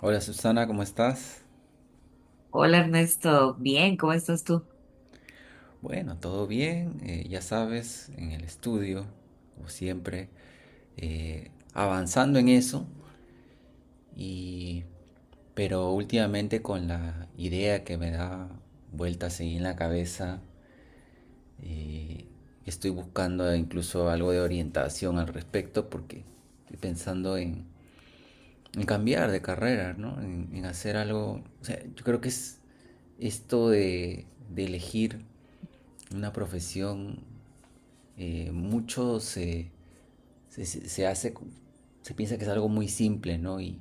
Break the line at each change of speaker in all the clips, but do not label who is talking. Hola Susana, ¿cómo estás?
Hola Ernesto, bien, ¿cómo estás tú?
Bueno, todo bien, ya sabes, en el estudio, como siempre, avanzando en eso, y, pero últimamente con la idea que me da vueltas ahí en la cabeza, eh, estoy buscando incluso algo de orientación al respecto porque estoy pensando en, en cambiar de carrera, ¿no? En hacer algo, o sea, yo creo que es esto de elegir una profesión, mucho se, se, se- hace, se piensa que es algo muy simple, ¿no?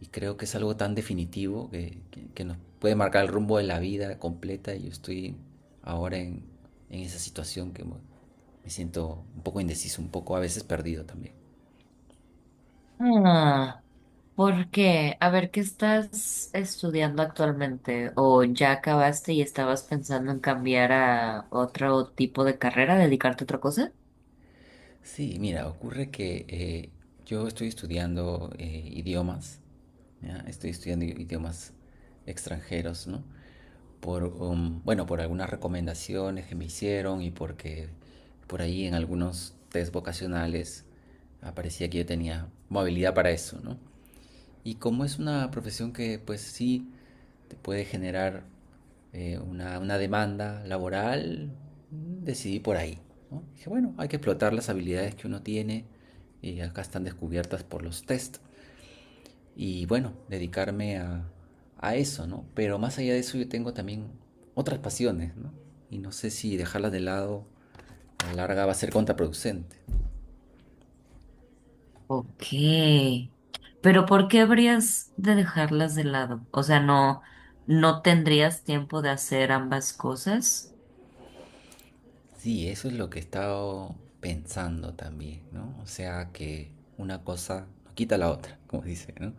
Y creo que es algo tan definitivo que nos puede marcar el rumbo de la vida completa. Yo estoy ahora en, en esa situación que me siento un poco indeciso, un poco a veces perdido también.
Ah, ¿por qué? A ver, ¿qué estás estudiando actualmente? ¿O ya acabaste y estabas pensando en cambiar a otro tipo de carrera, dedicarte a otra cosa?
Sí, mira, ocurre que yo estoy estudiando idiomas, ¿ya? Estoy estudiando idiomas extranjeros, ¿no? Bueno, por algunas recomendaciones que me hicieron y porque por ahí en algunos test vocacionales aparecía que yo tenía movilidad para eso, ¿no? Y como es una profesión que pues sí te puede generar una demanda laboral, decidí por ahí, ¿no? Dije, bueno, hay que explotar las habilidades que uno tiene y acá están descubiertas por los test y bueno, a eso, ¿no? Pero más allá de eso yo tengo también otras pasiones, ¿no? Y no sé si dejarlas de lado a la larga va a ser contraproducente.
Ok, pero ¿por qué habrías de dejarlas de lado? O sea, no, no tendrías tiempo de hacer ambas cosas.
Sí, eso es lo que he estado pensando también, ¿no? O sea que una cosa no quita la otra, como dice, ¿no?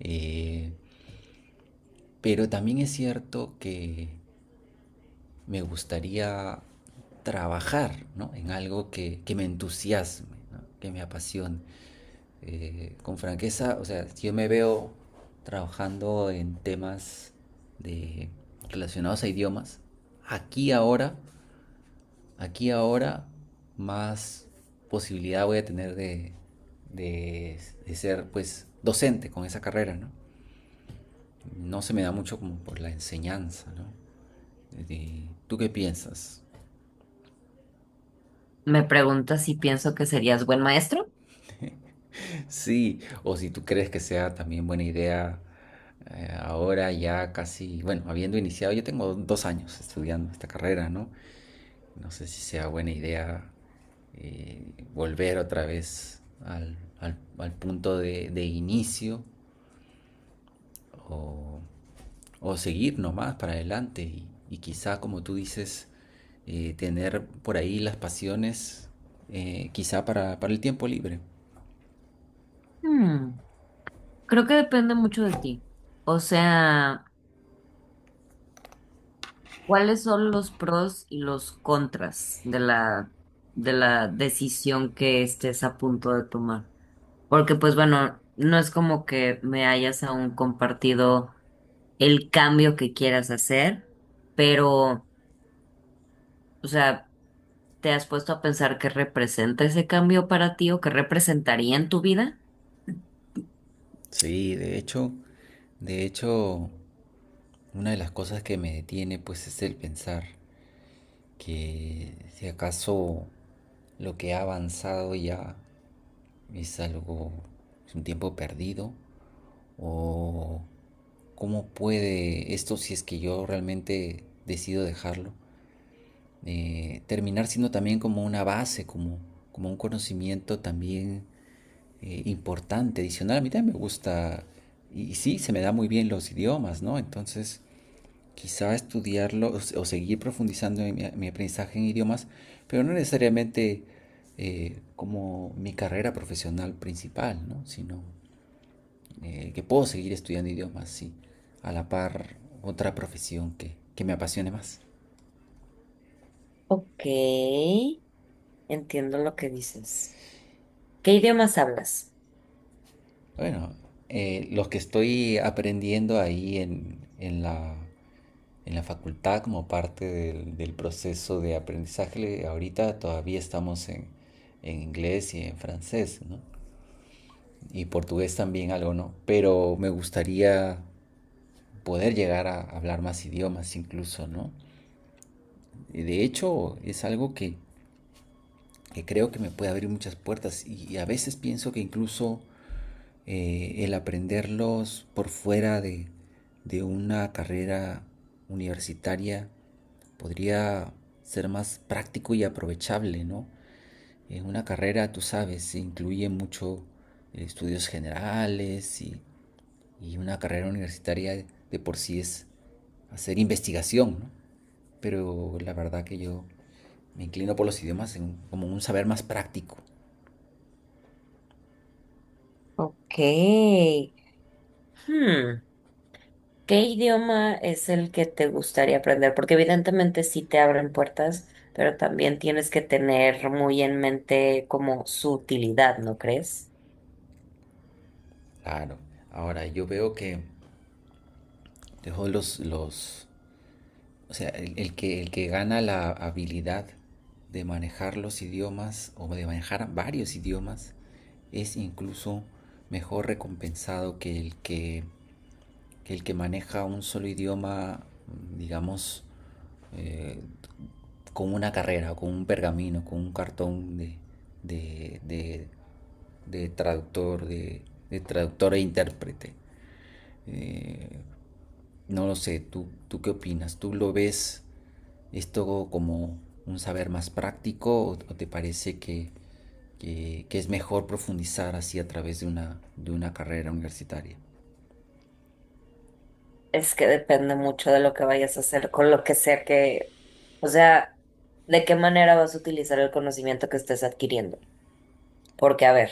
Eh, pero también es cierto que me gustaría trabajar, ¿no? En algo que me entusiasme, ¿no? Que me apasione. Con franqueza, o sea, si yo me veo trabajando en temas de, relacionados a idiomas. Aquí ahora, aquí ahora, más posibilidad voy a tener de, de ser, pues, docente con esa carrera, ¿no? No se me da mucho como por la enseñanza, ¿no? ¿Tú qué piensas?
Me preguntas si pienso que serías buen maestro.
Sí, o si tú crees que sea también buena idea, ahora ya casi, bueno, habiendo iniciado, yo tengo dos años estudiando esta carrera, ¿no? No sé si sea buena idea, eh, volver otra vez al punto de inicio o, o seguir nomás para adelante y quizá, como tú dices, tener por ahí las pasiones, quizá para el tiempo libre.
Hmm, Creo que depende mucho de ti. O sea. ¿Cuáles son los pros y los contras de la decisión que estés a punto de tomar? Porque pues bueno, no es como que me hayas aún compartido el cambio que quieras hacer, pero, o sea, ¿te has puesto a pensar qué representa ese cambio para ti o qué representaría en tu vida?
Sí, de hecho, de hecho, una de las cosas que me detiene pues es el pensar que si acaso lo que ha avanzado ya es algo, es un tiempo perdido o cómo puede esto, si es que yo realmente decido dejarlo, terminar siendo también como una base, como, como un conocimiento también, importante, adicional. A mí también me gusta y sí, se me da muy bien los idiomas, ¿no? Entonces quizá estudiarlo o seguir profundizando en mi aprendizaje en idiomas, pero no necesariamente, como mi carrera profesional principal, ¿no? Sino, que puedo seguir estudiando idiomas, sí, a la par otra profesión que me apasione más.
Ok, entiendo lo que dices. ¿Qué idiomas hablas?
Bueno, los que estoy aprendiendo ahí en la facultad como parte del proceso de aprendizaje, ahorita todavía en inglés y en francés, ¿no? Y portugués también algo, ¿no? Pero me gustaría poder llegar a hablar más idiomas incluso, ¿no? De hecho, es algo que creo que me puede abrir muchas puertas y a veces pienso que incluso, el aprenderlos por fuera de una carrera universitaria podría ser más práctico y aprovechable, ¿no? En una carrera, tú sabes, se incluye mucho, estudios generales y una carrera universitaria de por sí es hacer investigación, ¿no? Pero la verdad que yo me inclino por los idiomas en- como un saber más práctico.
Ok. Hmm. ¿Qué idioma es el que te gustaría aprender? Porque evidentemente sí te abren puertas, pero también tienes que tener muy en mente como su utilidad, ¿no crees?
Claro. Ahora, yo veo que dejo los, los, o sea, el que gana la habilidad de manejar los idiomas o de manejar varios idiomas es incluso mejor recompensado que el que maneja un solo idioma, digamos, eh, con una carrera, con un pergamino, con un cartón de, de, de traductor, de traductor e intérprete. Eh, no lo sé, ¿tú qué opinas? ¿Tú lo ves esto como un saber más práctico o te parece que es mejor profundizar así a través de de una carrera universitaria?
Es que depende mucho de lo que vayas a hacer con lo que sea que, o sea, de qué manera vas a utilizar el conocimiento que estés adquiriendo. Porque, a ver.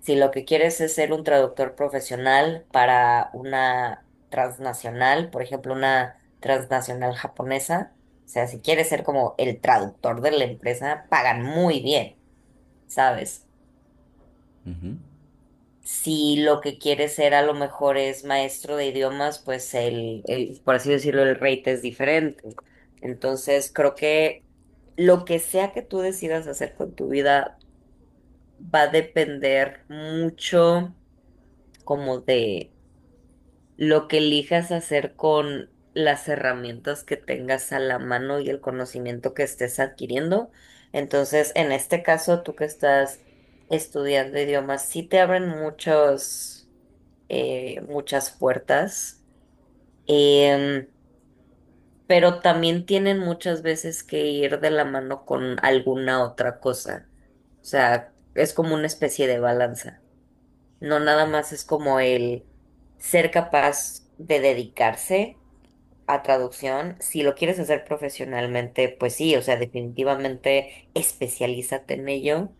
Si lo que quieres es ser un traductor profesional para una transnacional, por ejemplo, una transnacional japonesa, o sea, si quieres ser como el traductor de la empresa, pagan muy bien, ¿sabes?
Ujú.
Si lo que quieres ser a lo mejor es maestro de idiomas, pues el, por así decirlo, el rate es diferente. Entonces, creo que lo que sea que tú decidas hacer con tu vida va a depender mucho como de lo que elijas hacer con las herramientas que tengas a la mano y el conocimiento que estés adquiriendo. Entonces, en este caso, tú que estás estudiando idiomas, sí te abren muchos, muchas puertas, em, pero también tienen muchas veces que ir de la mano con alguna otra cosa. O sea, es como una especie de balanza. No nada más es como el ser capaz de dedicarse a traducción, si lo quieres hacer profesionalmente, pues sí, o sea, definitivamente especialízate en ello,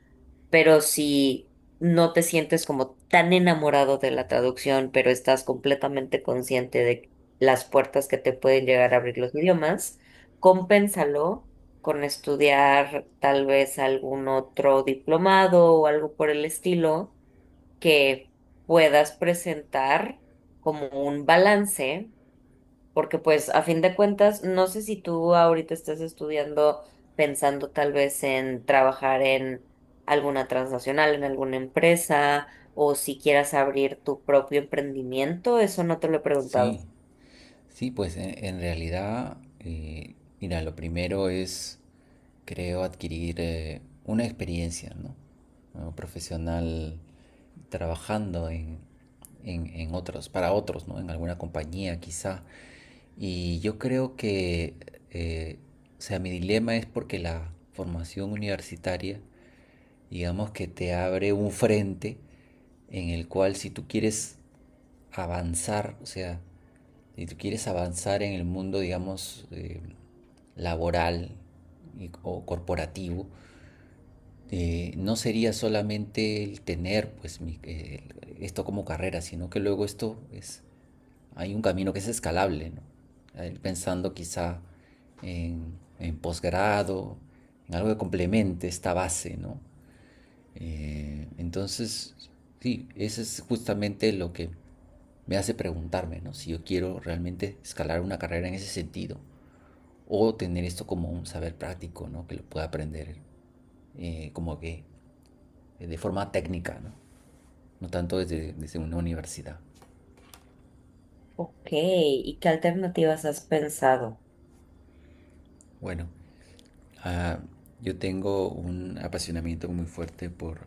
pero si no te sientes como tan enamorado de la traducción, pero estás completamente consciente de las puertas que te pueden llegar a abrir los idiomas, compénsalo con estudiar tal vez algún otro diplomado o algo por el estilo que puedas presentar como un balance porque pues a fin de cuentas, no sé si tú ahorita estás estudiando pensando tal vez en trabajar en alguna transnacional, en alguna empresa, o si quieras abrir tu propio emprendimiento, eso no te lo he preguntado.
Sí, sí, pues en realidad, mira, lo primero es, creo, adquirir una experiencia, ¿no? Como profesional trabajando en, en otros, para otros, ¿no? En alguna compañía quizá. Y yo creo que, eh, o sea, mi dilema es porque la formación universitaria digamos que te abre un frente en el cual si tú quieres avanzar, o sea, si tú quieres avanzar en el mundo, digamos, laboral y- o corporativo, no sería solamente el tener pues esto como carrera, sino que luego esto es, hay un camino que es escalable, ¿no? Ir pensando quizá en posgrado, en algo que complemente esta base, ¿no? Entonces, sí, eso es justamente lo que me hace preguntarme, ¿no? Si yo quiero realmente escalar una carrera en ese sentido o tener esto como un saber práctico, ¿no? Que lo pueda aprender, como que, de forma técnica, ¿no? No tanto desde una universidad.
Ok, ¿y qué alternativas has pensado?
Bueno, ah, yo tengo un apasionamiento muy fuerte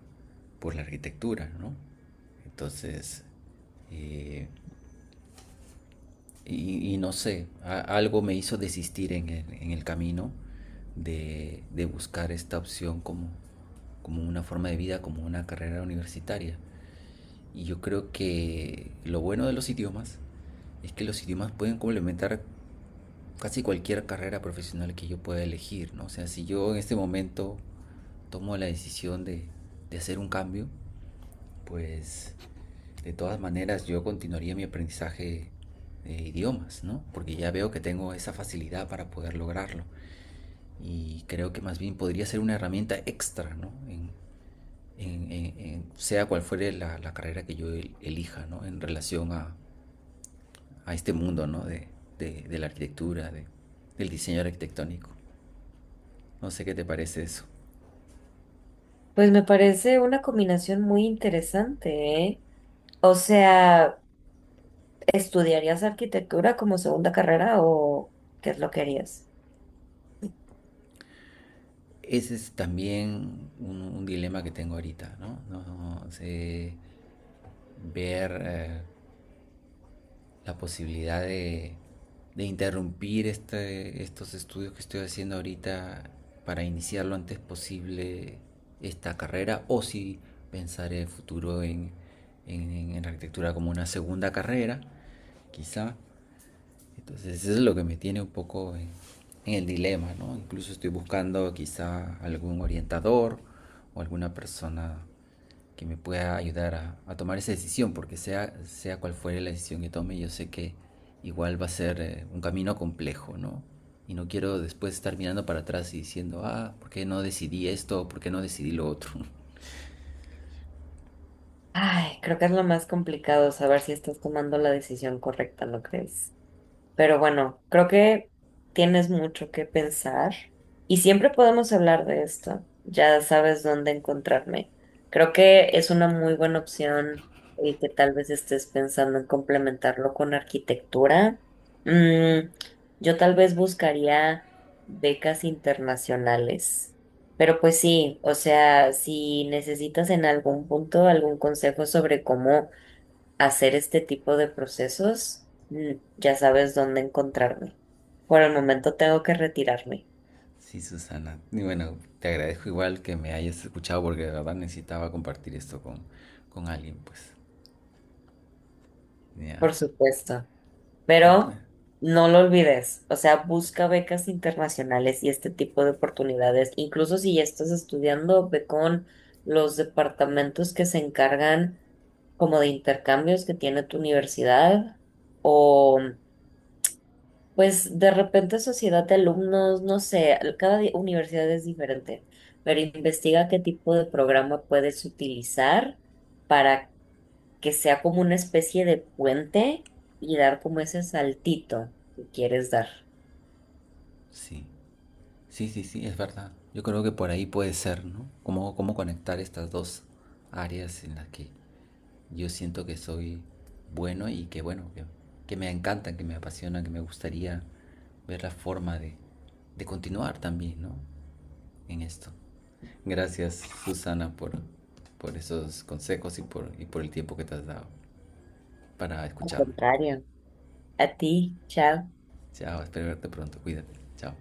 por la arquitectura, ¿no? Entonces, eh, y no sé, algo me hizo desistir en el camino de buscar esta opción como, como una forma de vida, como una carrera universitaria. Y yo creo que lo bueno de los idiomas es que los idiomas pueden complementar casi cualquier carrera profesional que yo pueda elegir, ¿no? O sea, si yo en este momento tomo la decisión de hacer un cambio, pues de todas maneras yo continuaría mi aprendizaje de idiomas, ¿no? Porque ya veo que tengo esa facilidad para poder lograrlo. Y creo que más bien podría ser una herramienta extra, ¿no? Sea cual fuere la carrera que yo elija, ¿no? A este mundo, ¿no? De la arquitectura, del diseño arquitectónico. No sé qué te parece eso.
Pues me parece una combinación muy interesante, ¿eh? O sea, ¿estudiarías arquitectura como segunda carrera o qué es lo que harías?
Ese es también un dilema que tengo ahorita, ¿no? No, no sé ver, la posibilidad de interrumpir estos estudios que estoy haciendo ahorita para iniciar lo antes posible esta carrera o si pensar el futuro en arquitectura como una segunda carrera, quizá. Entonces eso es lo que me tiene un poco en el dilema, ¿no? Incluso estoy buscando quizá algún orientador o alguna persona que me pueda ayudar a tomar esa decisión, porque sea, sea cual fuere la decisión que tome, yo sé que igual va a ser, un camino complejo, ¿no? Y no quiero después estar mirando para atrás y diciendo, ah, ¿por qué no decidí esto? ¿Por qué no decidí lo otro?
Ay, creo que es lo más complicado saber si estás tomando la decisión correcta, ¿no crees? Pero bueno, creo que tienes mucho que pensar y siempre podemos hablar de esto. Ya sabes dónde encontrarme. Creo que es una muy buena opción y que tal vez estés pensando en complementarlo con arquitectura. Mm, yo tal vez buscaría becas internacionales. Pero pues sí, o sea, si necesitas en algún punto algún consejo sobre cómo hacer este tipo de procesos, ya sabes dónde encontrarme. Por el momento tengo que retirarme,
Sí, Susana. Y bueno, te agradezco igual que me hayas escuchado porque de verdad necesitaba compartir esto con alguien, pues. Ya.
por supuesto,
Eh, eh,
pero no lo olvides, o sea, busca becas internacionales y este tipo de oportunidades. Incluso si ya estás estudiando, ve con los departamentos que se encargan como de intercambios que tiene tu universidad o... Pues de repente sociedad de alumnos, no sé, cada universidad es diferente, pero investiga qué tipo de programa puedes utilizar para que sea como una especie de puente y dar como ese saltito que quieres dar.
sí. Sí, sí, sí, es verdad. Yo creo que por ahí puede ser, ¿no? ¿Cómo, cómo conectar estas dos áreas en las que yo siento que soy bueno y que, bueno, que me encantan, que me apasionan, que me gustaría ver la forma de continuar también, ¿no? En esto. Gracias, Susana, por esos consejos y y por el tiempo que te has dado para
Al
escucharme.
contrario, a ti, chao.
Chao, espero verte pronto. Cuídate. Chao.